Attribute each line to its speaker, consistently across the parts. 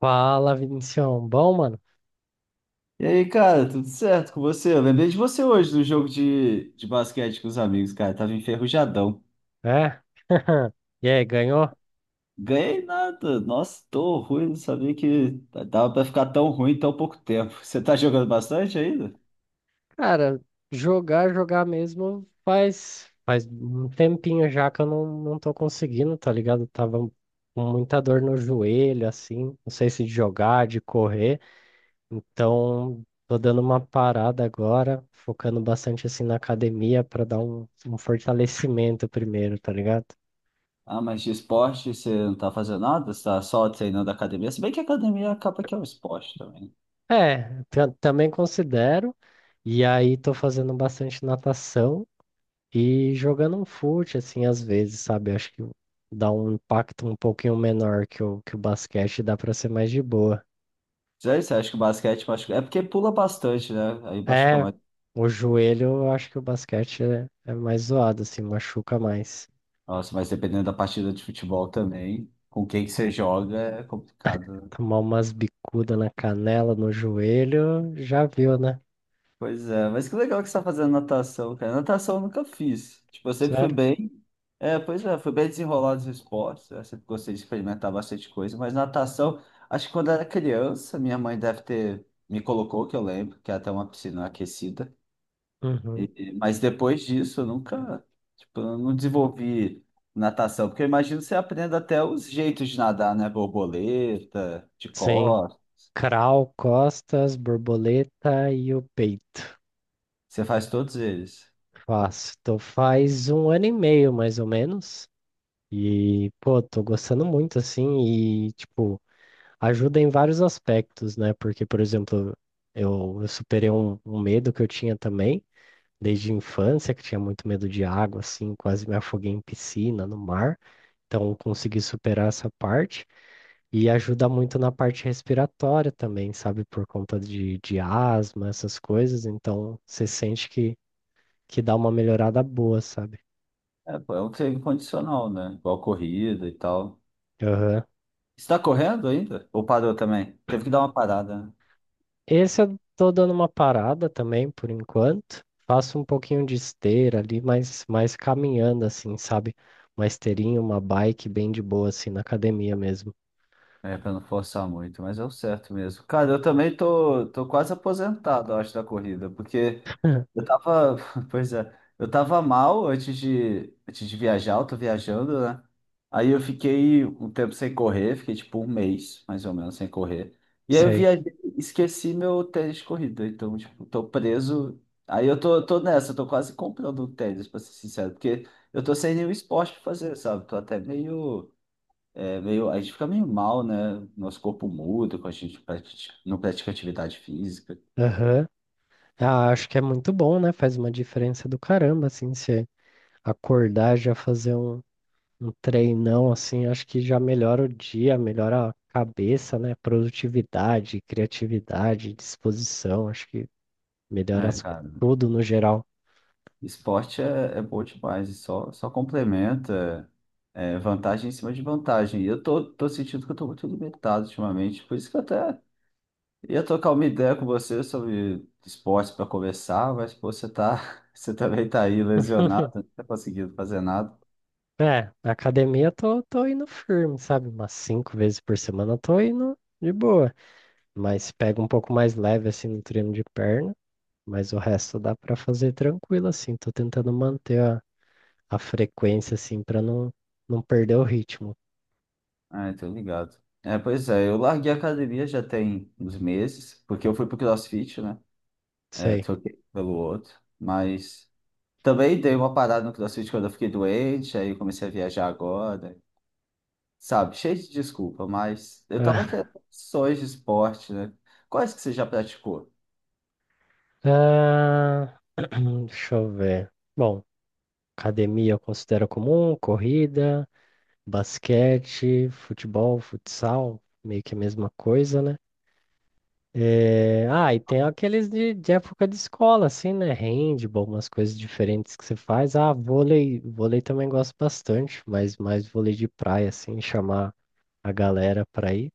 Speaker 1: Fala, Vinicião. Bom, mano?
Speaker 2: E aí, cara, tudo certo com você? Eu lembrei de você hoje no jogo de basquete com os amigos, cara. Tava enferrujadão.
Speaker 1: É? E aí, ganhou?
Speaker 2: Ganhei nada. Nossa, tô ruim. Não sabia que dava pra ficar tão ruim em tão pouco tempo. Você tá jogando bastante ainda?
Speaker 1: Cara, jogar mesmo faz um tempinho já que eu não tô conseguindo, tá ligado? Eu tava com muita dor no joelho, assim. Não sei se de jogar, de correr. Então, tô dando uma parada agora, focando bastante assim na academia pra dar um fortalecimento primeiro, tá ligado?
Speaker 2: Ah, mas de esporte você não tá fazendo nada? Você tá só treinando academia? Se bem que academia acaba que é um esporte também.
Speaker 1: É, também considero. E aí, tô fazendo bastante natação. E jogando um fute, assim, às vezes, sabe? Acho que dá um impacto um pouquinho menor que o basquete, dá pra ser mais de boa.
Speaker 2: Sério, você acha que o basquete machuca? É porque pula bastante, né? Aí machuca
Speaker 1: É,
Speaker 2: mais.
Speaker 1: o joelho, eu acho que o basquete é mais zoado, assim, machuca mais.
Speaker 2: Nossa, mas dependendo da partida de futebol também, com quem que você joga é complicado, né?
Speaker 1: Tomar umas bicudas na canela, no joelho, já viu, né?
Speaker 2: Pois é, mas que legal que você tá fazendo natação, cara. Natação eu nunca fiz. Tipo, eu sempre fui
Speaker 1: Sério?
Speaker 2: bem. É, pois é, fui bem desenrolado nos esportes. Eu sempre gostei de experimentar bastante coisa, mas natação, acho que quando eu era criança, minha mãe deve ter me colocou, que eu lembro, que é até uma piscina aquecida.
Speaker 1: Uhum.
Speaker 2: Mas depois disso, eu nunca, tipo, eu não desenvolvi natação, porque eu imagino que você aprenda até os jeitos de nadar, né? Borboleta, de
Speaker 1: Sim.
Speaker 2: cor,
Speaker 1: Crawl, costas, borboleta e o peito.
Speaker 2: você faz todos eles.
Speaker 1: Faço. Então faz um ano e meio, mais ou menos. E, pô, tô gostando muito, assim, e, tipo, ajuda em vários aspectos, né? Porque, por exemplo, eu superei um medo que eu tinha também, desde a infância, que eu tinha muito medo de água, assim, quase me afoguei em piscina, no mar. Então, eu consegui superar essa parte. E ajuda muito na parte respiratória também, sabe? Por conta de asma, essas coisas. Então, você sente que dá uma melhorada boa, sabe?
Speaker 2: É, pô, é um treino condicional, né? Igual corrida e tal.
Speaker 1: Aham.
Speaker 2: Você tá correndo ainda? Ou parou também? Teve que dar uma parada, né?
Speaker 1: Esse eu tô dando uma parada também por enquanto. Faço um pouquinho de esteira ali, mas mais caminhando assim, sabe? Uma esteirinha, uma bike bem de boa assim na academia mesmo.
Speaker 2: É, pra não forçar muito, mas é o certo mesmo. Cara, eu também tô quase aposentado, eu acho, da corrida, porque Eu tava, pois é, eu tava mal antes de viajar, eu tô viajando, né? Aí eu fiquei um tempo sem correr, fiquei tipo um mês, mais ou menos, sem correr. E aí eu
Speaker 1: Sei.
Speaker 2: viajei, esqueci meu tênis de corrida, então, tipo, tô preso. Aí eu tô nessa, eu tô quase comprando um tênis, pra ser sincero, porque eu tô sem nenhum esporte pra fazer, sabe? Tô até meio, a gente fica meio mal, né? Nosso corpo muda quando a gente não pratica atividade física.
Speaker 1: Aham. Ah, acho que é muito bom, né? Faz uma diferença do caramba, assim, você acordar já fazer um treinão, assim, acho que já melhora o dia, melhora a cabeça, né? Produtividade, criatividade, disposição, acho que melhora
Speaker 2: É,
Speaker 1: as-
Speaker 2: cara.
Speaker 1: tudo no geral.
Speaker 2: Esporte é bom demais, e só complementa vantagem em cima de vantagem. E eu tô sentindo que eu tô muito limitado ultimamente, por isso que eu até ia trocar uma ideia com você sobre esportes para conversar, mas pô, você também tá aí lesionado, não tá conseguindo fazer nada.
Speaker 1: É, na academia eu tô, tô indo firme, sabe? Umas cinco vezes por semana eu tô indo de boa. Mas pega um pouco mais leve assim no treino de perna, mas o resto dá pra fazer tranquilo assim. Tô tentando manter a frequência assim pra não perder o ritmo.
Speaker 2: Ah, então ligado. É, pois é, eu larguei a academia já tem uns meses, porque eu fui pro CrossFit, né? É,
Speaker 1: Sei.
Speaker 2: troquei pelo outro, mas também dei uma parada no CrossFit quando eu fiquei doente, aí comecei a viajar agora. Sabe, cheio de desculpa, mas eu tava querendo opções de esporte, né? Quais que você já praticou?
Speaker 1: Ah, ah, deixa eu ver. Bom, academia eu considero comum, corrida, basquete, futebol, futsal, meio que a mesma coisa, né? É, ah, e tem aqueles de época de escola, assim, né? Handball, umas coisas diferentes que você faz. Ah, vôlei também gosto bastante, mas mais vôlei de praia, assim, chamar a galera pra ir,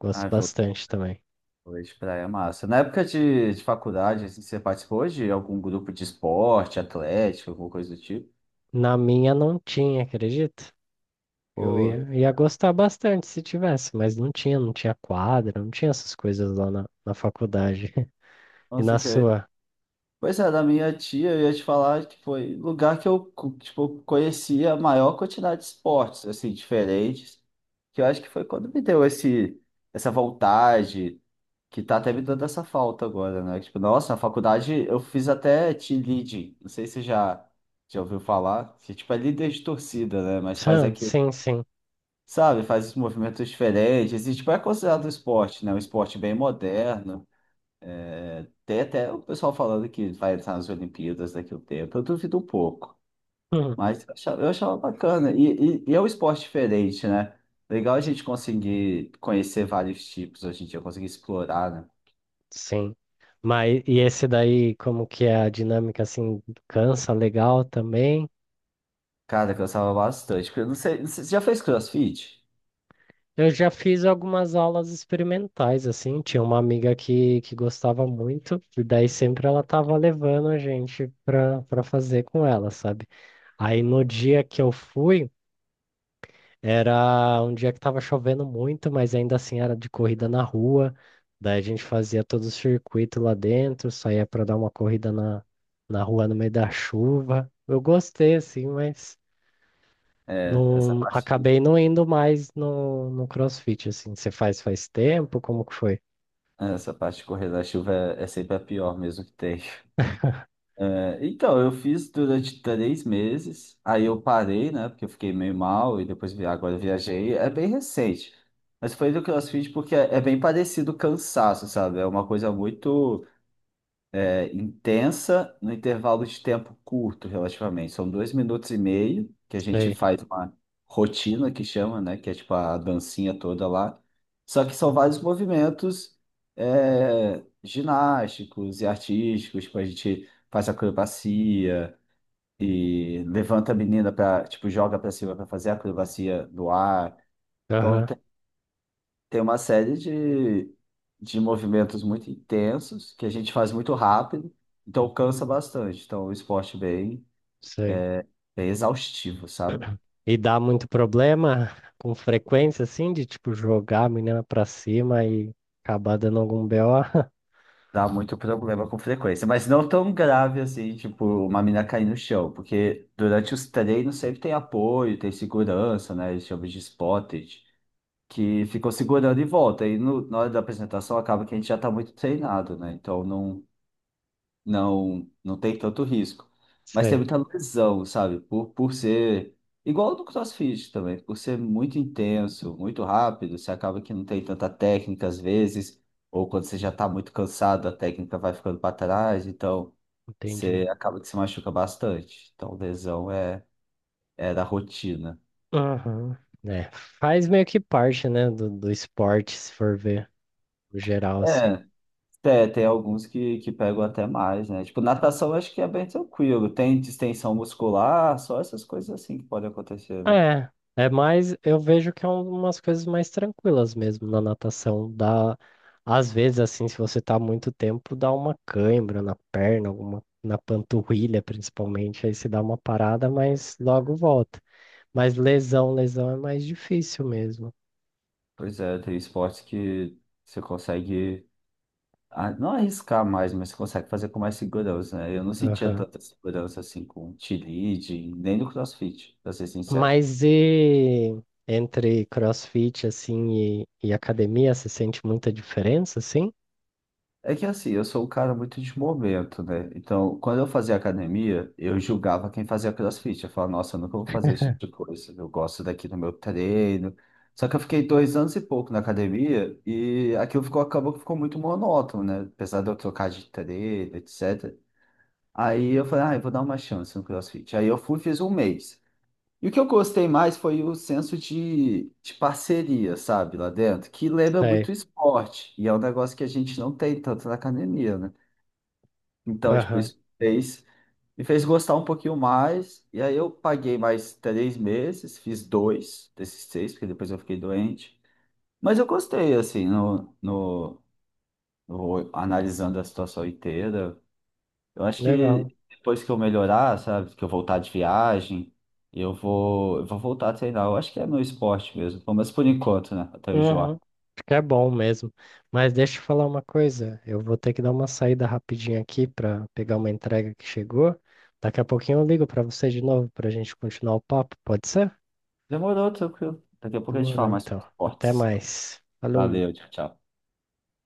Speaker 1: gosto
Speaker 2: Ah, vou
Speaker 1: bastante também.
Speaker 2: vôlei de praia é massa. Na época de faculdade, assim, você participou de algum grupo de esporte, atlético, alguma coisa do tipo?
Speaker 1: Na minha não tinha, acredita? Eu
Speaker 2: Pô,
Speaker 1: ia gostar bastante se tivesse, mas não tinha, não tinha quadra, não tinha essas coisas lá na faculdade. E
Speaker 2: nossa,
Speaker 1: na
Speaker 2: que.
Speaker 1: sua?
Speaker 2: Pois é, da minha tia, eu ia te falar que foi lugar que eu, tipo, conhecia a maior quantidade de esportes, assim, diferentes, que eu acho que foi quando me deu essa vontade que tá até me dando essa falta agora, né? Tipo, nossa, na faculdade eu fiz até team leading. Não sei se você já ouviu falar. Que, tipo, é líder de torcida, né? Mas faz
Speaker 1: Ah,
Speaker 2: aqui,
Speaker 1: sim, sim.
Speaker 2: sabe? Faz os movimentos diferentes. E, tipo, é considerado um esporte, né? Um esporte bem moderno. Tem até o pessoal falando que vai entrar nas Olimpíadas daqui a um tempo. Eu duvido um pouco. Mas eu achava bacana. E é um esporte diferente, né? Legal a gente conseguir conhecer vários tipos hoje em dia, conseguir explorar, né?
Speaker 1: Sim. Mas e esse daí, como que é a dinâmica assim, cansa legal também?
Speaker 2: Cara, eu cansava bastante. Porque eu Não sei, você já fez CrossFit?
Speaker 1: Eu já fiz algumas aulas experimentais assim, tinha uma amiga que gostava muito, e daí sempre ela tava levando a gente pra fazer com ela, sabe? Aí no dia que eu fui, era um dia que tava chovendo muito, mas ainda assim era de corrida na rua. Daí a gente fazia todo o circuito lá dentro, saía para dar uma corrida na rua no meio da chuva. Eu gostei, assim, mas
Speaker 2: É, essa
Speaker 1: não
Speaker 2: parte,
Speaker 1: acabei não indo mais no CrossFit, assim. Você faz faz tempo? Como que foi?
Speaker 2: essa parte de correr na chuva é sempre a pior mesmo que tem. É, então, eu fiz durante 3 meses, aí eu parei, né? Porque eu fiquei meio mal e depois agora eu viajei. É bem recente. Mas foi do CrossFit porque é bem parecido o cansaço, sabe? É uma coisa muito intensa no intervalo de tempo curto, relativamente. São 2 minutos e meio que a gente
Speaker 1: Sei.
Speaker 2: faz uma rotina que chama, né? Que é tipo a dancinha toda lá. Só que são vários movimentos ginásticos e artísticos, tipo, a gente faz acrobacia e levanta a menina para tipo joga para cima para fazer a acrobacia do ar. Então
Speaker 1: Aham,
Speaker 2: tem uma série de movimentos muito intensos que a gente faz muito rápido, então cansa bastante. Então, é um esporte bem,
Speaker 1: sei.
Speaker 2: bem exaustivo, sabe?
Speaker 1: E dá muito problema com frequência, assim, de tipo jogar a menina pra cima e acabar dando algum BO?
Speaker 2: Dá muito problema com frequência, mas não tão grave assim, tipo, uma mina cair no chão, porque durante os treinos sempre tem apoio, tem segurança, né? Eles chamam de spotted, que ficam segurando em volta. E na hora da apresentação acaba que a gente já tá muito treinado, né? Então não não não tem tanto risco. Mas tem
Speaker 1: Sei,
Speaker 2: muita lesão, sabe? Por ser igual no CrossFit também, por ser muito intenso, muito rápido, você acaba que não tem tanta técnica às vezes, ou quando você já está muito cansado, a técnica vai ficando para trás, então
Speaker 1: entendi.
Speaker 2: você acaba que se machuca bastante. Então, lesão é da rotina.
Speaker 1: Aham. É, faz meio que parte, né, do esporte, se for ver, no geral, assim.
Speaker 2: É. Tem alguns que pegam até mais, né? Tipo, natação eu acho que é bem tranquilo. Tem distensão muscular, só essas coisas assim que podem acontecer, né?
Speaker 1: É, é mais, eu vejo que é umas coisas mais tranquilas mesmo na natação. Dá, às vezes, assim, se você tá muito tempo, dá uma cãibra na perna, alguma, na panturrilha, principalmente, aí se dá uma parada, mas logo volta. Mas lesão é mais difícil mesmo.
Speaker 2: Pois é, tem esportes que você consegue não arriscar mais, mas você consegue fazer com mais segurança, né? Eu não sentia tanta segurança assim com cheerleading, nem no CrossFit, pra ser sincero.
Speaker 1: Mas e entre CrossFit assim e academia, você sente muita diferença, assim?
Speaker 2: É que assim, eu sou um cara muito de momento, né? Então, quando eu fazia academia, eu julgava quem fazia CrossFit. Eu falava, nossa, eu nunca vou fazer esse tipo de coisa. Eu gosto daqui do meu treino. Só que eu fiquei 2 anos e pouco na academia e aquilo acabou que ficou muito monótono, né? Apesar de eu trocar de treino, etc. Aí eu falei, ah, eu vou dar uma chance no CrossFit. Aí eu fui, fiz um mês. E o que eu gostei mais foi o senso de parceria, sabe, lá dentro, que lembra
Speaker 1: Sei.
Speaker 2: muito esporte. E é um negócio que a gente não tem tanto na academia, né? Então, tipo,
Speaker 1: Aham.
Speaker 2: me fez gostar um pouquinho mais. E aí eu paguei mais 3 meses, fiz dois desses seis, porque depois eu fiquei doente. Mas eu gostei, assim, analisando a situação inteira. Eu acho
Speaker 1: Legal.
Speaker 2: que depois que eu melhorar, sabe, que eu voltar de viagem, eu vou voltar a treinar. Eu acho que é meu esporte mesmo, pelo menos por enquanto, né? Até eu
Speaker 1: Uhum.
Speaker 2: enjoar.
Speaker 1: Acho que é bom mesmo. Mas deixa eu falar uma coisa. Eu vou ter que dar uma saída rapidinho aqui para pegar uma entrega que chegou. Daqui a pouquinho eu ligo para você de novo para a gente continuar o papo, pode ser?
Speaker 2: Demorou, tranquilo. Daqui a pouco a gente
Speaker 1: Demorou
Speaker 2: fala mais sobre
Speaker 1: então. Até
Speaker 2: esportes. Então,
Speaker 1: mais. Falou.
Speaker 2: valeu, tchau, tchau.